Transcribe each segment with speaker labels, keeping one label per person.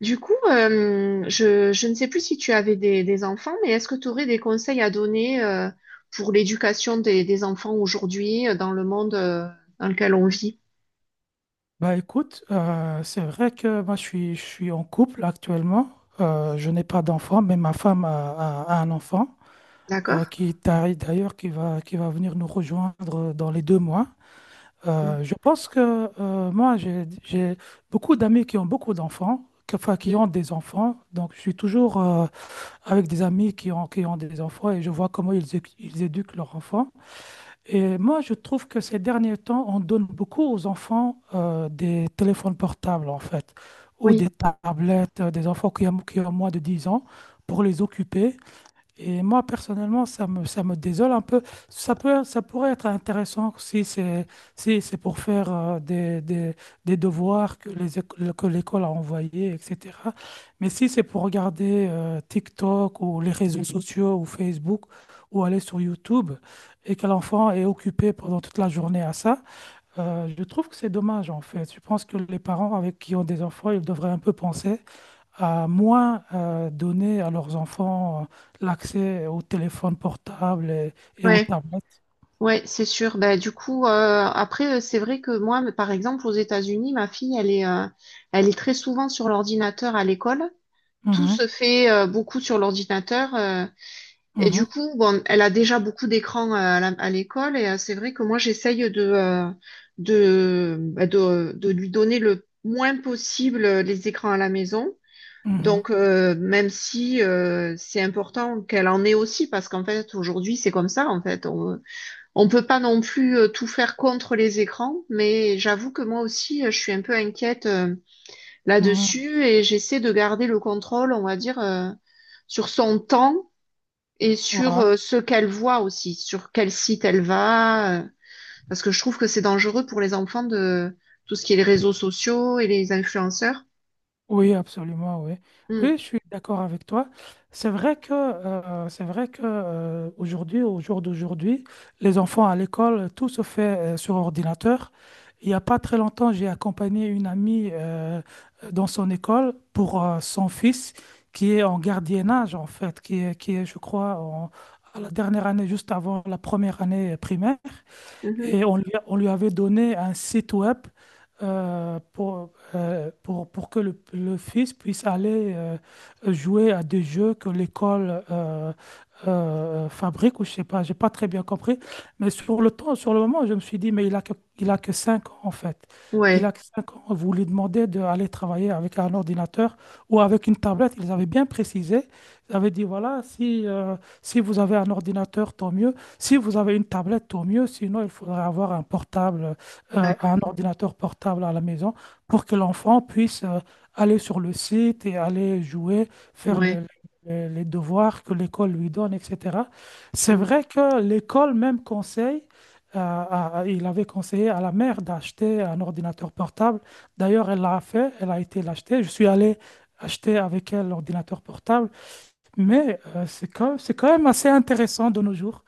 Speaker 1: Du coup, je ne sais plus si tu avais des enfants, mais est-ce que tu aurais des conseils à donner pour l'éducation des enfants aujourd'hui dans le monde dans lequel on vit?
Speaker 2: Bah écoute, c'est vrai que moi je suis en couple actuellement. Je n'ai pas d'enfant, mais ma femme a un enfant
Speaker 1: D'accord?
Speaker 2: qui t'arrive d'ailleurs, qui va venir nous rejoindre dans les 2 mois.
Speaker 1: Mm.
Speaker 2: Je pense que moi j'ai beaucoup d'amis qui ont beaucoup d'enfants, enfin qui
Speaker 1: Mm.
Speaker 2: ont des enfants. Donc je suis toujours avec des amis qui ont des enfants et je vois comment ils éduquent leurs enfants. Et moi, je trouve que ces derniers temps, on donne beaucoup aux enfants des téléphones portables, en fait, ou
Speaker 1: Oui,
Speaker 2: des tablettes, des enfants qui ont moins de 10 ans, pour les occuper. Et moi, personnellement, ça me désole un peu. Ça peut, ça pourrait être intéressant si c'est pour faire des devoirs que que l'école a envoyés, etc. Mais si c'est pour regarder TikTok ou les réseaux sociaux ou Facebook ou aller sur YouTube et que l'enfant est occupé pendant toute la journée à ça, je trouve que c'est dommage en fait. Je pense que les parents avec qui ont des enfants, ils devraient un peu penser à moins donner à leurs enfants l'accès aux téléphones portables et aux
Speaker 1: ouais,
Speaker 2: tablettes.
Speaker 1: ouais, c'est sûr. Ben, du coup, après, c'est vrai que moi, mais par exemple, aux États-Unis, ma fille, elle est très souvent sur l'ordinateur à l'école. Tout se
Speaker 2: Mhm,
Speaker 1: fait beaucoup sur l'ordinateur. Et du
Speaker 2: mhm,
Speaker 1: coup, bon, elle a déjà beaucoup d'écrans à l'école et c'est vrai que moi, j'essaye de lui donner le moins possible les écrans à la maison.
Speaker 2: mhm,
Speaker 1: Donc, même si c'est important qu'elle en ait aussi, parce qu'en fait, aujourd'hui, c'est comme ça, en fait. On peut pas non plus tout faire contre les écrans, mais j'avoue que moi aussi, je suis un peu inquiète
Speaker 2: mhm.
Speaker 1: là-dessus et j'essaie de garder le contrôle, on va dire, sur son temps et sur
Speaker 2: Voilà.
Speaker 1: ce qu'elle voit aussi, sur quel site elle va, parce que je trouve que c'est dangereux pour les enfants de tout ce qui est les réseaux sociaux et les influenceurs.
Speaker 2: Oui, absolument, oui. Oui,
Speaker 1: Mm,
Speaker 2: je suis d'accord avec toi. C'est vrai que, aujourd'hui, au jour d'aujourd'hui, les enfants à l'école, tout se fait sur ordinateur. Il n'y a pas très longtemps, j'ai accompagné une amie dans son école pour son fils qui est en gardiennage, en fait, qui est, je crois, à la dernière année, juste avant la première année primaire.
Speaker 1: mhm.
Speaker 2: Et on lui avait donné un site web pour que le fils puisse aller jouer à des jeux que l'école fabrique, ou je sais pas, j'ai pas très bien compris. Mais sur le temps, sur le moment, je me suis dit, mais il a que 5 ans en fait. Il a
Speaker 1: Ouais,
Speaker 2: que 5 ans. Vous lui demandez d'aller travailler avec un ordinateur ou avec une tablette. Ils avaient bien précisé. Ils avaient dit, voilà, si vous avez un ordinateur, tant mieux. Si vous avez une tablette, au mieux. Sinon, il faudrait avoir un portable, un
Speaker 1: d'accord,
Speaker 2: ordinateur portable à la maison pour que l'enfant puisse aller sur le site et aller jouer, faire
Speaker 1: ouais.
Speaker 2: les devoirs que l'école lui donne, etc. C'est
Speaker 1: Mmh.
Speaker 2: vrai que l'école même conseille, il avait conseillé à la mère d'acheter un ordinateur portable. D'ailleurs, elle l'a fait, elle a été l'acheter. Je suis allé acheter avec elle l'ordinateur portable, mais c'est quand même assez intéressant de nos jours.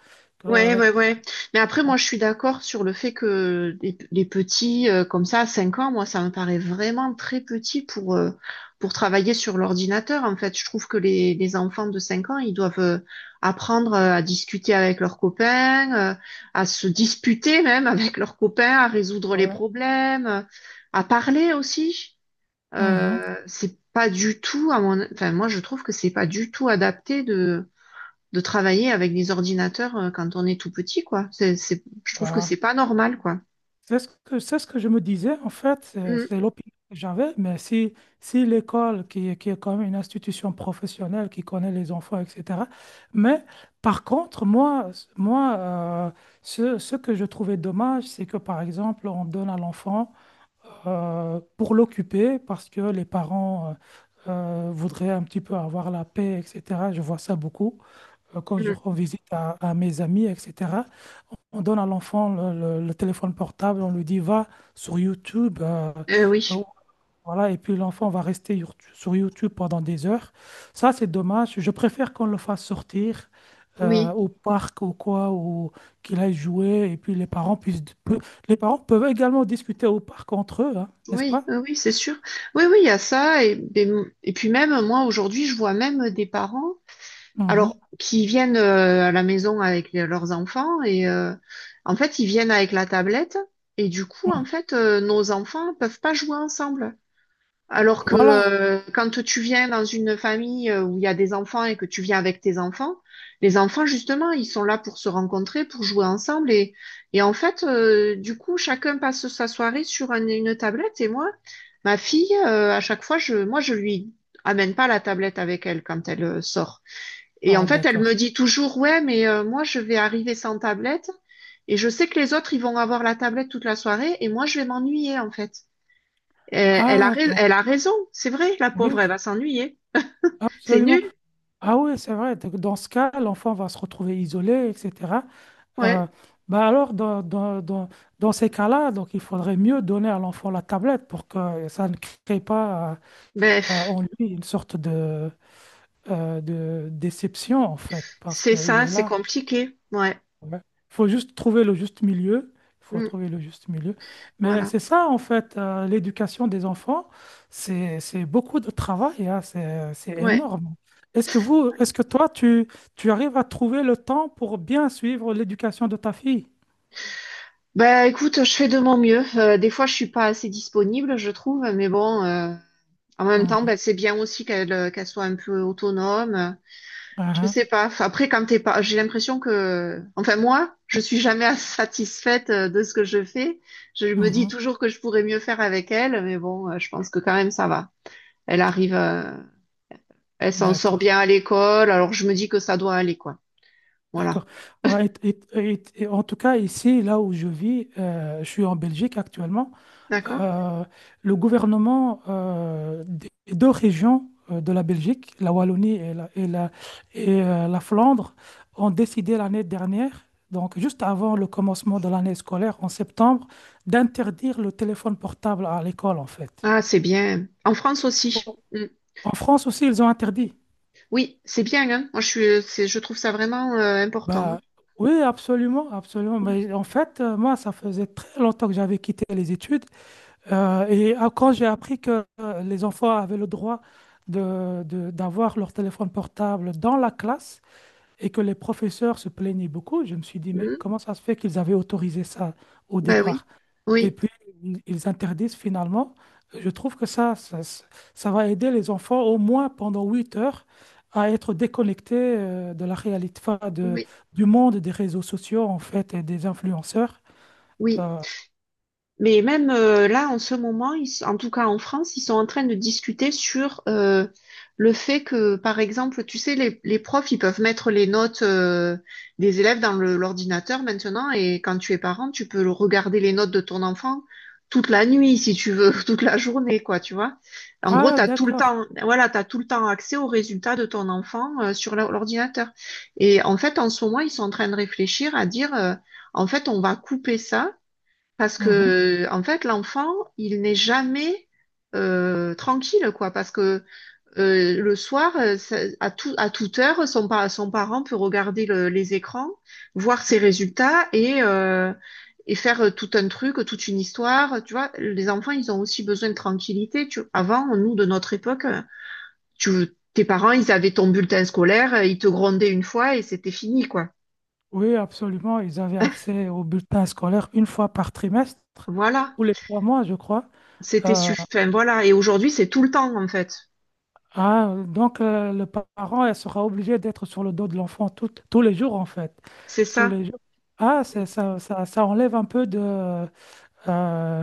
Speaker 1: Ouais, ouais, ouais. Mais après, moi, je suis d'accord sur le fait que les petits, comme ça, à 5 ans, moi, ça me paraît vraiment très petit pour travailler sur l'ordinateur. En fait, je trouve que les enfants de 5 ans, ils doivent apprendre à discuter avec leurs copains, à se disputer même avec leurs copains, à résoudre les
Speaker 2: Ouais.
Speaker 1: problèmes, à parler aussi.
Speaker 2: Mhm.
Speaker 1: C'est pas du tout à mon, enfin, moi, je trouve que c'est pas du tout adapté de travailler avec des ordinateurs quand on est tout petit, quoi. Je trouve que
Speaker 2: Bah,
Speaker 1: c'est pas normal, quoi.
Speaker 2: c'est ce que je me disais, en fait, c'est
Speaker 1: Mm,
Speaker 2: c'est l'opinion que j'avais, mais si l'école, qui est quand même une institution professionnelle, qui connaît les enfants, etc. Mais par contre, moi ce que je trouvais dommage, c'est que, par exemple, on donne à l'enfant pour l'occuper, parce que les parents voudraient un petit peu avoir la paix, etc. Je vois ça beaucoup. Quand je
Speaker 1: mm.
Speaker 2: rends visite à mes amis, etc., on donne à l'enfant le téléphone portable, on lui dit va sur YouTube, euh,
Speaker 1: Oui,
Speaker 2: voilà, et puis l'enfant va rester sur YouTube pendant des heures. Ça, c'est dommage. Je préfère qu'on le fasse sortir
Speaker 1: oui,
Speaker 2: au parc ou quoi, ou qu'il aille jouer, et puis les parents les parents peuvent également discuter au parc entre eux, hein, n'est-ce
Speaker 1: oui,
Speaker 2: pas?
Speaker 1: oui, c'est sûr. Oui, oui, il y a ça. Et puis même, moi, aujourd'hui, je vois même des parents, alors,
Speaker 2: Mhm.
Speaker 1: qui viennent à la maison avec leurs enfants et en fait, ils viennent avec la tablette et du coup, en
Speaker 2: Mhm.
Speaker 1: fait, nos enfants peuvent pas jouer ensemble. Alors que
Speaker 2: Voilà.
Speaker 1: quand tu viens dans une famille où il y a des enfants et que tu viens avec tes enfants, les enfants, justement, ils sont là pour se rencontrer, pour jouer ensemble. Et en fait, du coup, chacun passe sa soirée sur une tablette. Et moi, ma fille, à chaque fois, je lui amène pas la tablette avec elle quand elle sort. Et
Speaker 2: Ah,
Speaker 1: en fait, elle me
Speaker 2: d'accord.
Speaker 1: dit toujours, ouais, mais moi, je vais arriver sans tablette. Et je sais que les autres, ils vont avoir la tablette toute la soirée. Et moi, je vais m'ennuyer, en fait.
Speaker 2: Ah, donc,
Speaker 1: Elle a raison, c'est vrai, la
Speaker 2: oui,
Speaker 1: pauvre, elle va s'ennuyer. C'est
Speaker 2: absolument.
Speaker 1: nul,
Speaker 2: Ah oui, c'est vrai. Donc, dans ce cas, l'enfant va se retrouver isolé, etc. Euh,
Speaker 1: ouais.
Speaker 2: bah alors, dans ces cas-là, donc il faudrait mieux donner à l'enfant la tablette pour que ça ne crée pas
Speaker 1: Bref,
Speaker 2: en lui une sorte de déception, en fait, parce
Speaker 1: c'est
Speaker 2: qu'il
Speaker 1: ça,
Speaker 2: est
Speaker 1: c'est
Speaker 2: là.
Speaker 1: compliqué, ouais.
Speaker 2: Ouais. Faut juste trouver le juste milieu. Il faut
Speaker 1: Mm.
Speaker 2: trouver le juste milieu. Mais
Speaker 1: Voilà,
Speaker 2: c'est ça, en fait, l'éducation des enfants, c'est beaucoup de travail, hein, c'est
Speaker 1: ouais.
Speaker 2: énorme. Est-ce que toi, tu arrives à trouver le temps pour bien suivre l'éducation de ta fille?
Speaker 1: Bah écoute, je fais de mon mieux. Des fois, je suis pas assez disponible, je trouve, mais bon, en même temps, bah,
Speaker 2: Mhm.
Speaker 1: c'est bien aussi qu'elle qu'elle soit un peu autonome. Je
Speaker 2: Aha,
Speaker 1: sais pas. Enfin, après, quand t'es pas, j'ai l'impression que, enfin moi, je suis jamais satisfaite de ce que je fais. Je me dis
Speaker 2: mhm.
Speaker 1: toujours que je pourrais mieux faire avec elle, mais bon, je pense que quand même ça va. Elle arrive. Elle s'en sort
Speaker 2: D'accord,
Speaker 1: bien à l'école, alors je me dis que ça doit aller, quoi. Voilà.
Speaker 2: d'accord. Bah, et en tout cas, ici, là où je vis, je suis en Belgique actuellement.
Speaker 1: D'accord?
Speaker 2: euh, le gouvernement des 2 régions de la Belgique, la Wallonie et la Flandre, ont décidé l'année dernière, donc juste avant le commencement de l'année scolaire en septembre, d'interdire le téléphone portable à l'école en fait.
Speaker 1: Ah, c'est bien. En France aussi. Mm.
Speaker 2: En France aussi, ils ont interdit.
Speaker 1: Oui, oui, c'est bien, hein. Moi, je suis, c'est, je trouve ça vraiment important. Hein.
Speaker 2: Bah, oui, absolument, absolument. Mais en fait, moi, ça faisait très longtemps que j'avais quitté les études. Et ah, quand j'ai appris que les enfants avaient le droit d'avoir leur téléphone portable dans la classe et que les professeurs se plaignaient beaucoup, je me suis dit,
Speaker 1: Mm.
Speaker 2: mais
Speaker 1: Mm.
Speaker 2: comment ça se fait qu'ils avaient autorisé ça au
Speaker 1: Ben oui,
Speaker 2: départ? Et
Speaker 1: oui,
Speaker 2: puis, ils interdisent finalement. Je trouve que ça va aider les enfants au moins pendant 8 heures à être déconnectés de la réalité, enfin,
Speaker 1: oui,
Speaker 2: du monde des réseaux sociaux en fait et des influenceurs.
Speaker 1: oui.
Speaker 2: Euh,
Speaker 1: Mais même là, en ce moment, en tout cas en France, ils sont en train de discuter sur le fait que, par exemple, tu sais, les profs, ils peuvent mettre les notes des élèves dans l'ordinateur maintenant, et quand tu es parent, tu peux regarder les notes de ton enfant toute la nuit, si tu veux, toute la journée, quoi, tu vois. En gros,
Speaker 2: ah,
Speaker 1: t'as tout le
Speaker 2: d'accord.
Speaker 1: temps, voilà, t'as tout le temps accès aux résultats de ton enfant sur l'ordinateur. Et en fait, en ce moment, ils sont en train de réfléchir à dire, en fait, on va couper ça. Parce que, en fait, l'enfant, il n'est jamais tranquille, quoi. Parce que le soir, à toute heure, son parent peut regarder les écrans, voir ses résultats et faire tout un truc, toute une histoire. Tu vois, les enfants, ils ont aussi besoin de tranquillité. Tu... Avant, nous, de notre époque, tu, tes parents, ils avaient ton bulletin scolaire, ils te grondaient une fois et c'était fini, quoi.
Speaker 2: Oui, absolument. Ils avaient accès au bulletin scolaire une fois par trimestre,
Speaker 1: Voilà.
Speaker 2: tous les 3 mois, je crois.
Speaker 1: C'était
Speaker 2: Euh,
Speaker 1: suffisant. Voilà. Et aujourd'hui, c'est tout le temps, en fait.
Speaker 2: ah, donc, le parent elle sera obligé d'être sur le dos de l'enfant tous les jours, en fait.
Speaker 1: C'est
Speaker 2: Tous
Speaker 1: ça.
Speaker 2: les jours. Ah, ça enlève un peu de... euh,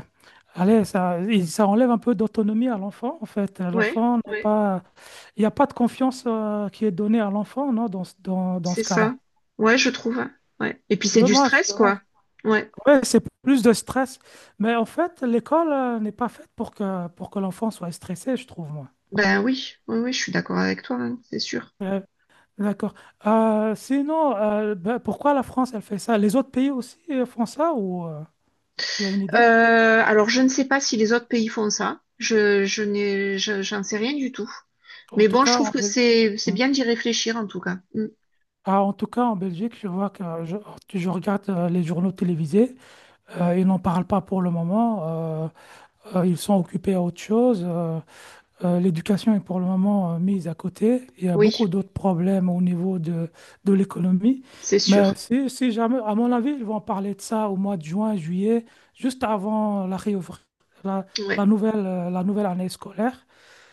Speaker 2: allez, ça enlève un peu d'autonomie à l'enfant, en fait.
Speaker 1: Ouais,
Speaker 2: L'enfant n'est
Speaker 1: ouais,
Speaker 2: pas. Il n'y a pas de confiance, qui est donnée à l'enfant, non, dans
Speaker 1: c'est
Speaker 2: ce
Speaker 1: ça.
Speaker 2: cas-là.
Speaker 1: Ouais, je trouve. Ouais. Et puis c'est du
Speaker 2: Dommage,
Speaker 1: stress,
Speaker 2: dommage.
Speaker 1: quoi. Ouais.
Speaker 2: Ouais, c'est plus de stress. Mais en fait, l'école n'est pas faite pour que l'enfant soit stressé, je trouve, moi.
Speaker 1: Ben oui, oui, oui, je suis d'accord avec toi, hein, c'est sûr.
Speaker 2: Euh, d'accord. Sinon, ben, pourquoi la France, elle fait ça? Les autres pays aussi font ça ou tu as une idée?
Speaker 1: Alors je ne sais pas si les autres pays font ça. Je n'ai, je- j'en sais rien du tout.
Speaker 2: En
Speaker 1: Mais
Speaker 2: tout
Speaker 1: bon, je
Speaker 2: cas,
Speaker 1: trouve
Speaker 2: en
Speaker 1: que
Speaker 2: Belgique.
Speaker 1: c'est bien d'y réfléchir en tout cas. Mm.
Speaker 2: Ah, en tout cas, en Belgique, je vois que je regarde les journaux télévisés. Ils n'en parlent pas pour le moment. euh, Ils sont occupés à autre chose. L'éducation est pour le moment mise à côté. Il y a
Speaker 1: Oui,
Speaker 2: beaucoup d'autres problèmes au niveau de l'économie.
Speaker 1: c'est
Speaker 2: Mais
Speaker 1: sûr.
Speaker 2: si jamais, à mon avis, ils vont parler de ça au mois de juin, juillet, juste avant la, réouvr- la,
Speaker 1: Ouais,
Speaker 2: la nouvelle année scolaire.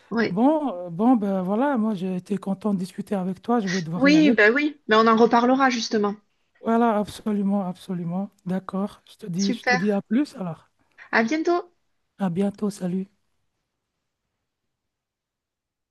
Speaker 1: ouais.
Speaker 2: Bon, ben voilà, moi j'ai été content de discuter avec toi. Je vais devoir y
Speaker 1: Oui,
Speaker 2: aller.
Speaker 1: ben oui. Mais on en reparlera justement.
Speaker 2: Voilà, absolument, absolument. D'accord. Je te dis, je te
Speaker 1: Super.
Speaker 2: dis à plus alors.
Speaker 1: À bientôt.
Speaker 2: À bientôt. Salut.